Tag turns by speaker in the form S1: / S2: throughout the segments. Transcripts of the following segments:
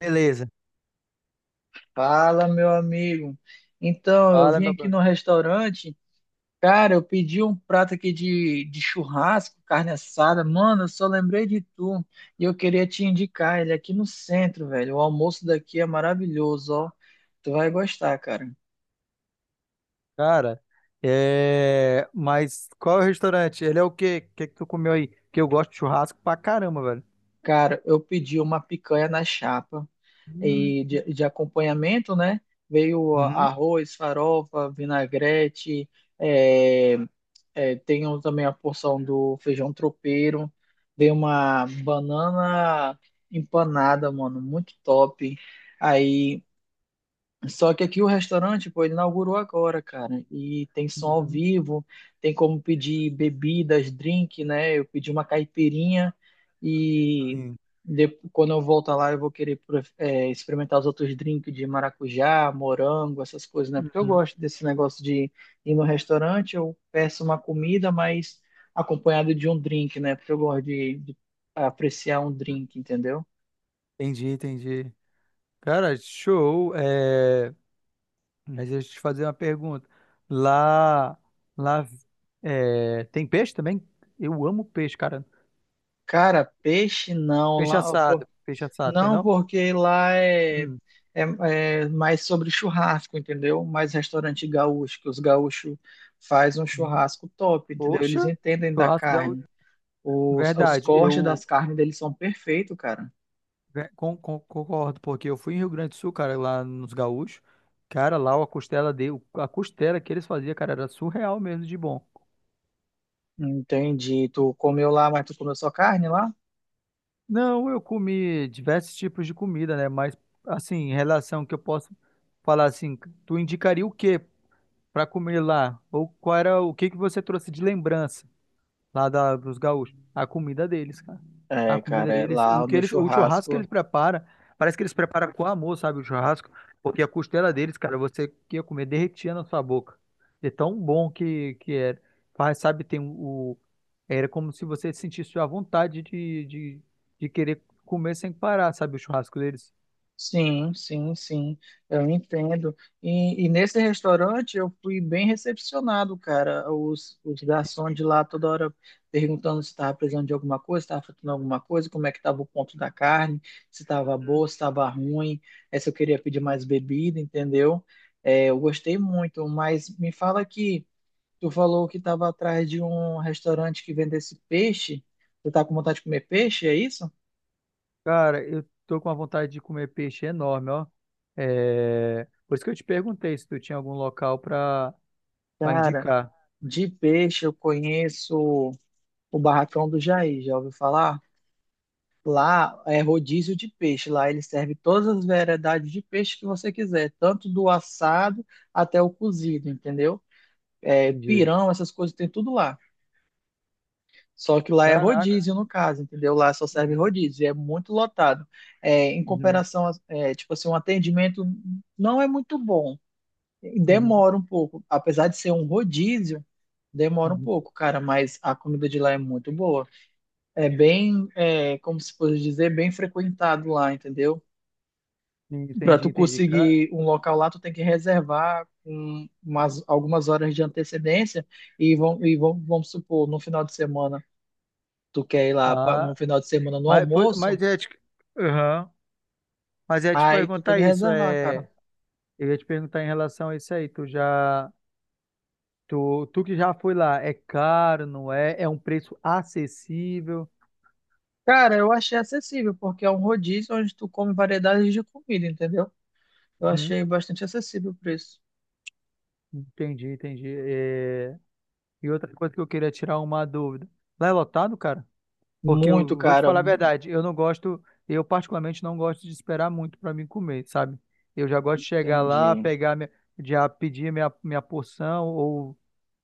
S1: Beleza.
S2: Fala, meu amigo. Então, eu
S1: Fala,
S2: vim
S1: meu
S2: aqui no
S1: brother.
S2: restaurante, cara, eu pedi um prato aqui de churrasco, carne assada. Mano, eu só lembrei de tu e eu queria te indicar ele é aqui no centro, velho. O almoço daqui é maravilhoso, ó. Tu vai gostar, cara.
S1: Cara, mas qual é o restaurante? Ele é o quê? O que é que tu comeu aí? Porque eu gosto de churrasco pra caramba, velho.
S2: Cara, eu pedi uma picanha na chapa
S1: Hum.
S2: e de acompanhamento, né? Veio
S1: Uhum.
S2: arroz, farofa, vinagrete, é, É, tem também a porção do feijão tropeiro. Dei uma banana empanada, mano, muito top. Aí. Só que aqui o restaurante, pô, ele inaugurou agora, cara. E tem som ao
S1: Uhum.
S2: vivo, tem como pedir bebidas, drink, né? Eu pedi uma caipirinha e
S1: Sim.
S2: quando eu voltar lá eu vou querer experimentar os outros drinks de maracujá, morango, essas coisas, né? Porque eu
S1: Uhum.
S2: gosto desse negócio de ir no restaurante, eu peço uma comida, mas acompanhado de um drink, né? Porque eu gosto de apreciar um drink, entendeu?
S1: Entendi, entendi. Cara, show. Mas deixa eu te fazer uma pergunta. Lá, lá, tem peixe também? Eu amo peixe, cara.
S2: Cara, peixe não,
S1: Peixe
S2: lá,
S1: assado. Peixe assado, tem
S2: não,
S1: não?
S2: porque lá
S1: Hum.
S2: é, é mais sobre churrasco, entendeu? Mais restaurante gaúcho, que os gaúchos fazem um
S1: Hum.
S2: churrasco top, entendeu? Eles
S1: Poxa,
S2: entendem da
S1: churrasco
S2: carne.
S1: gaúcho.
S2: Os
S1: Verdade,
S2: cortes das carnes deles são perfeitos, cara.
S1: Concordo, porque eu fui em Rio Grande do Sul, cara, lá nos Gaúchos. Cara, lá a costela de, a costela que eles faziam, cara, era surreal mesmo de bom.
S2: Entendi. Tu comeu lá, mas tu comeu só carne lá?
S1: Não, eu comi diversos tipos de comida, né? Mas assim, em relação que eu posso falar assim, tu indicaria o quê pra comer lá? Ou qual era o que que você trouxe de lembrança? Dos gaúchos. A comida deles, cara. A
S2: É,
S1: comida
S2: cara, é,
S1: deles, o
S2: lá
S1: que
S2: no
S1: eles, o churrasco que eles
S2: churrasco.
S1: preparam, parece que eles preparam com amor, sabe, o churrasco, porque a costela deles, cara, você que ia comer derretia na sua boca. De tão bom que era. Faz, sabe, tem o era como se você sentisse a vontade de querer comer sem parar, sabe, o churrasco deles.
S2: Sim, sim, sim, eu entendo. E nesse restaurante eu fui bem recepcionado, cara. Os garçons de lá toda hora perguntando se estava precisando de alguma coisa, se estava faltando alguma coisa, como é que estava o ponto da carne, se estava boa,
S1: Hum.
S2: se estava ruim, se eu queria pedir mais bebida, entendeu? Eu gostei muito, mas me fala que tu falou que estava atrás de um restaurante que vendesse peixe. Tu tá com vontade de comer peixe, é isso?
S1: Cara, eu tô com uma vontade de comer peixe enorme, ó. É, por isso que eu te perguntei se tu tinha algum local pra para
S2: Cara,
S1: indicar.
S2: de peixe eu conheço. O barracão do Jair, já ouviu falar? Lá é rodízio de peixe. Lá ele serve todas as variedades de peixe que você quiser, tanto do assado até o cozido, entendeu? É,
S1: Entendi.
S2: pirão, essas coisas tem tudo lá. Só que lá é
S1: Caraca.
S2: rodízio, no caso, entendeu? Lá só serve
S1: Uhum,
S2: rodízio, e é muito lotado. É, em
S1: uhum,
S2: comparação, tipo assim, um atendimento não é muito bom.
S1: uhum,
S2: Demora um pouco. Apesar de ser um rodízio, demora um
S1: uhum.
S2: pouco, cara, mas a comida de lá é muito boa. É bem, é, como se fosse dizer, bem frequentado lá, entendeu? Para
S1: Entendi,
S2: tu
S1: entendi.
S2: conseguir um local lá, tu tem que reservar com umas, algumas horas de antecedência e, vamos supor, no final de semana, tu quer ir lá pra, no
S1: Ah,
S2: final de semana no
S1: mas, pô,
S2: almoço,
S1: mas é tipo, mas é te
S2: aí tu tem que
S1: perguntar isso,
S2: reservar, cara.
S1: é, eu ia te perguntar em relação a isso aí, tu que já foi lá, é caro, não é? É um preço acessível?
S2: Cara, eu achei acessível, porque é um rodízio onde tu come variedades de comida, entendeu? Eu
S1: Uhum,
S2: achei bastante acessível o preço.
S1: entendi, entendi. É, e outra coisa que eu queria tirar uma dúvida, lá é lotado, cara? Porque
S2: Muito,
S1: eu vou te
S2: cara.
S1: falar a verdade, eu particularmente não gosto de esperar muito para mim comer, sabe? Eu já gosto de chegar lá,
S2: Entendi.
S1: pegar minha, já pedir minha porção ou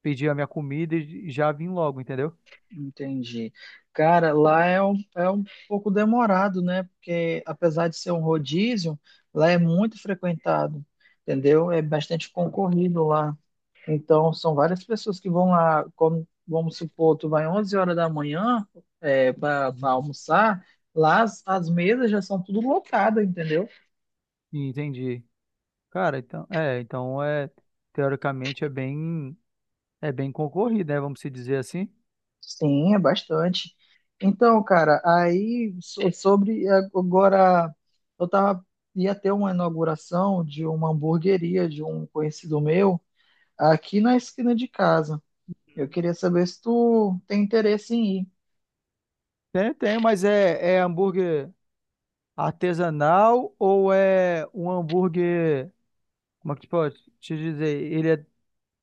S1: pedir a minha comida e já vim logo, entendeu?
S2: Entendi. Cara, lá é um pouco demorado, né? Porque apesar de ser um rodízio, lá é muito frequentado, entendeu? É bastante concorrido lá. Então, são várias pessoas que vão lá, como, vamos supor, tu vai 11 horas da manhã para
S1: Uhum.
S2: almoçar, lá as mesas já são tudo lotadas, entendeu?
S1: Entendi. Cara, então é, teoricamente é bem, é bem concorrido, né? Vamos se dizer assim.
S2: Sim, é bastante. Então, cara, aí sobre agora, eu tava, ia ter uma inauguração de uma hamburgueria de um conhecido meu aqui na esquina de casa. Eu queria saber se tu tem interesse em ir.
S1: Tem, tem, mas é hambúrguer artesanal ou é um hambúrguer, como é que pode te dizer? Ele é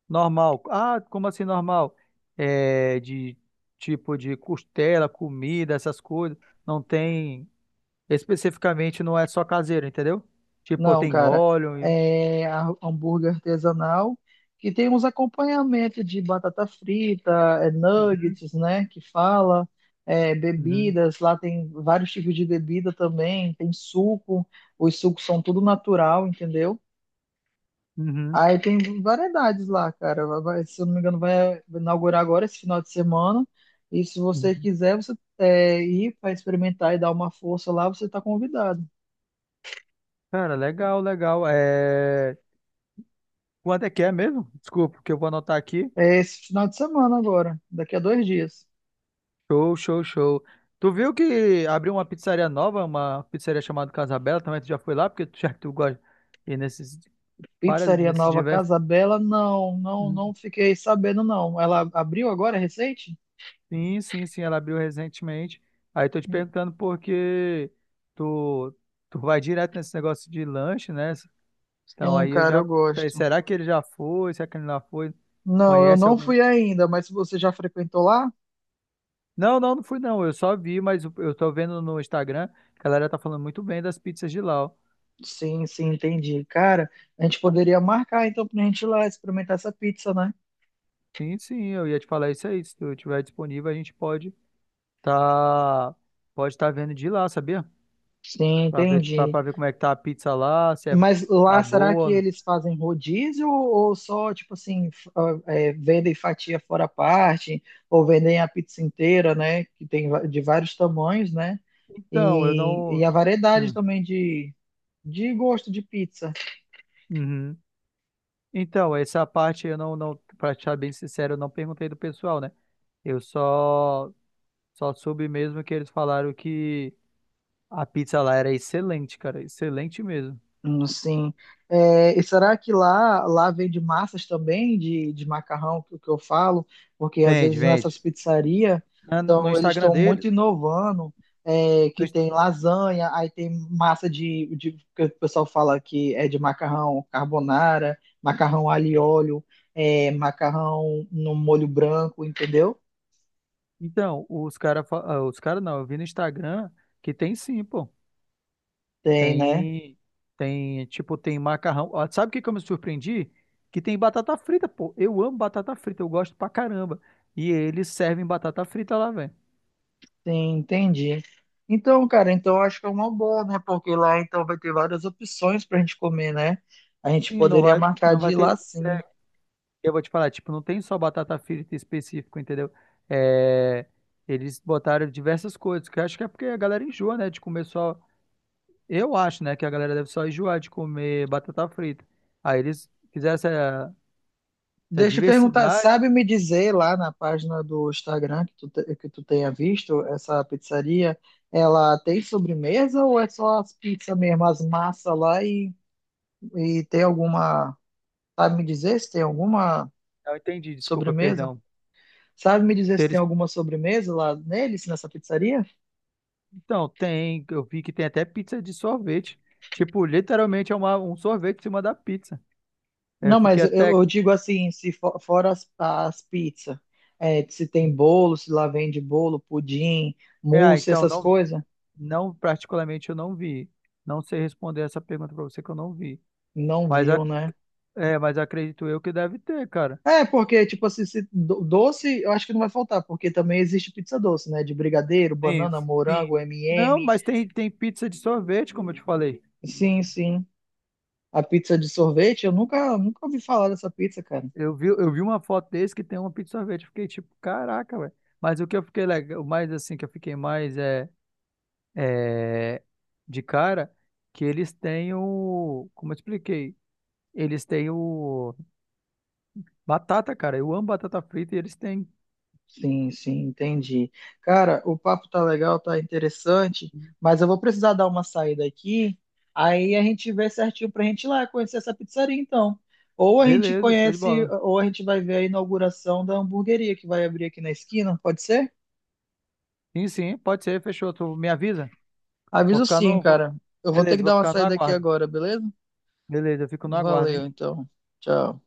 S1: normal. Ah, como assim normal? É de tipo de costela, comida, essas coisas. Não tem. Especificamente não é só caseiro, entendeu? Tipo,
S2: Não,
S1: tem
S2: cara.
S1: óleo.
S2: É hambúrguer artesanal que tem uns acompanhamentos de batata frita, é,
S1: Uhum,
S2: nuggets, né? Que fala, é,
S1: uhum,
S2: bebidas. Lá tem vários tipos de bebida também. Tem suco. Os sucos são tudo natural, entendeu?
S1: uhum,
S2: Aí tem variedades lá, cara. Se eu não me engano, vai inaugurar agora esse final de semana. E se você
S1: uhum.
S2: quiser, você ir para experimentar e dar uma força lá, você está convidado.
S1: Cara, legal, legal. Quanto é que é mesmo? Desculpa, que eu vou anotar aqui.
S2: É esse final de semana agora, daqui a dois dias.
S1: Show, show, show. Tu viu que abriu uma pizzaria nova, uma pizzaria chamada Casabella, também tu já foi lá, porque tu já que tu gosta e nesses para
S2: Pizzaria
S1: nesses
S2: Nova
S1: diversos.
S2: Casa Bela, não, não
S1: Uhum.
S2: fiquei sabendo, não. Ela abriu agora, é recente?
S1: Sim, sim, sim, ela abriu recentemente. Aí tô te perguntando porque tu, tu vai direto nesse negócio de lanche, né? Então
S2: Sim,
S1: aí eu
S2: cara,
S1: já
S2: eu
S1: falei,
S2: gosto.
S1: será que ele já foi? Será que ele não foi?
S2: Não, eu
S1: Conhece
S2: não
S1: algum?
S2: fui ainda, mas se você já frequentou lá?
S1: Não, não, não fui não. Eu só vi, mas eu tô vendo no Instagram que a galera tá falando muito bem das pizzas de lá, ó.
S2: Sim, sim, entendi. Cara, a gente poderia marcar então pra gente ir lá experimentar essa pizza, né?
S1: Sim, sim, eu ia te falar isso aí. Se tu tiver disponível, a gente pode tá pode estar vendo de lá, sabia?
S2: Sim, entendi.
S1: Pra ver como é que tá a pizza lá, se é,
S2: Mas
S1: tá
S2: lá será que
S1: boa ou
S2: eles fazem rodízio ou só, tipo assim, vendem fatia fora a parte, ou vendem a pizza inteira, né? Que tem de vários tamanhos, né?
S1: Então, eu
S2: E
S1: não.
S2: a variedade
S1: Hum,
S2: também de gosto de pizza.
S1: uhum. Então, essa parte eu não, não, pra te ser bem sincero, eu não perguntei do pessoal, né? Eu só, só soube mesmo que eles falaram que a pizza lá era excelente, cara, excelente mesmo.
S2: Sim. É, e será que lá, lá vende massas também de macarrão, que eu falo? Porque às
S1: Vende,
S2: vezes nessas
S1: vende.
S2: pizzarias,
S1: No
S2: então, eles
S1: Instagram
S2: estão
S1: dele,
S2: muito inovando, é, que
S1: no Inst-
S2: tem lasanha, aí tem massa que o pessoal fala que é de macarrão carbonara, macarrão alho e óleo, é, macarrão no molho branco, entendeu?
S1: então, os cara, fa- ah, os cara não, eu vi no Instagram que tem sim, pô.
S2: Tem, né?
S1: Tem, tem, tipo, tem macarrão. Ó, sabe o que que eu me surpreendi? Que tem batata frita, pô. Eu amo batata frita, eu gosto pra caramba. E eles servem batata frita lá, velho.
S2: Sim, entendi. Então, cara, então eu acho que é uma boa, né? Porque lá então vai ter várias opções pra gente comer, né? A gente
S1: E
S2: poderia marcar
S1: não
S2: de
S1: vai
S2: ir lá
S1: ter,
S2: sim.
S1: eu vou te falar, tipo, não tem só batata frita específico, entendeu? É, eles botaram diversas coisas, que eu acho que é porque a galera enjoa, né, de comer só. Eu acho, né, que a galera deve só enjoar de comer batata frita. Aí eles fizeram essa, essa
S2: Deixa eu perguntar,
S1: diversidade.
S2: sabe me dizer lá na página do Instagram que que tu tenha visto essa pizzaria, ela tem sobremesa ou é só as pizzas mesmo, as massas lá e tem alguma, sabe me dizer se tem alguma
S1: Eu entendi, desculpa,
S2: sobremesa?
S1: perdão.
S2: Sabe me dizer
S1: Se
S2: se tem
S1: eles
S2: alguma sobremesa lá neles, nessa pizzaria?
S1: Então, tem, eu vi que tem até pizza de sorvete. Tipo, literalmente é um sorvete em cima da pizza. Eu
S2: Não,
S1: fiquei
S2: mas
S1: até.
S2: eu digo assim, se for, fora as pizzas, é, se tem bolo, se lá vende bolo, pudim,
S1: Ah,
S2: mousse,
S1: então,
S2: essas coisas,
S1: não, particularmente eu não vi. Não sei responder essa pergunta pra você que eu não vi.
S2: não
S1: Mas,
S2: viu,
S1: a-
S2: né?
S1: mas acredito eu que deve ter, cara.
S2: É, porque, tipo assim, se doce, eu acho que não vai faltar, porque também existe pizza doce, né? De brigadeiro,
S1: Sim,
S2: banana,
S1: sim.
S2: morango,
S1: Não,
S2: M&M.
S1: mas tem, tem pizza de sorvete, como eu te falei.
S2: Sim, sim. A pizza de sorvete, eu nunca, nunca ouvi falar dessa pizza, cara.
S1: Eu vi uma foto desse que tem uma pizza de sorvete. Eu fiquei tipo, caraca, velho. Mas o que eu fiquei legal, o mais assim, que eu fiquei mais é. É, de cara que eles têm o. Como eu expliquei? Eles têm o. Batata, cara. Eu amo batata frita e eles têm.
S2: Sim, sim, entendi. Cara, o papo tá legal, tá interessante, mas eu vou precisar dar uma saída aqui. Aí a gente vê certinho pra gente ir lá conhecer essa pizzaria, então. Ou a gente
S1: Beleza, show de
S2: conhece,
S1: bola.
S2: ou a gente vai ver a inauguração da hamburgueria que vai abrir aqui na esquina, pode ser?
S1: Sim, sim, pode ser, fechou. Tu me avisa? Vou
S2: Aviso
S1: ficar
S2: sim,
S1: no. vou-
S2: cara. Eu vou ter
S1: Beleza,
S2: que
S1: vou
S2: dar uma
S1: ficar no
S2: saída aqui
S1: aguardo.
S2: agora, beleza?
S1: Beleza, eu fico no aguardo, hein?
S2: Valeu, então. Tchau.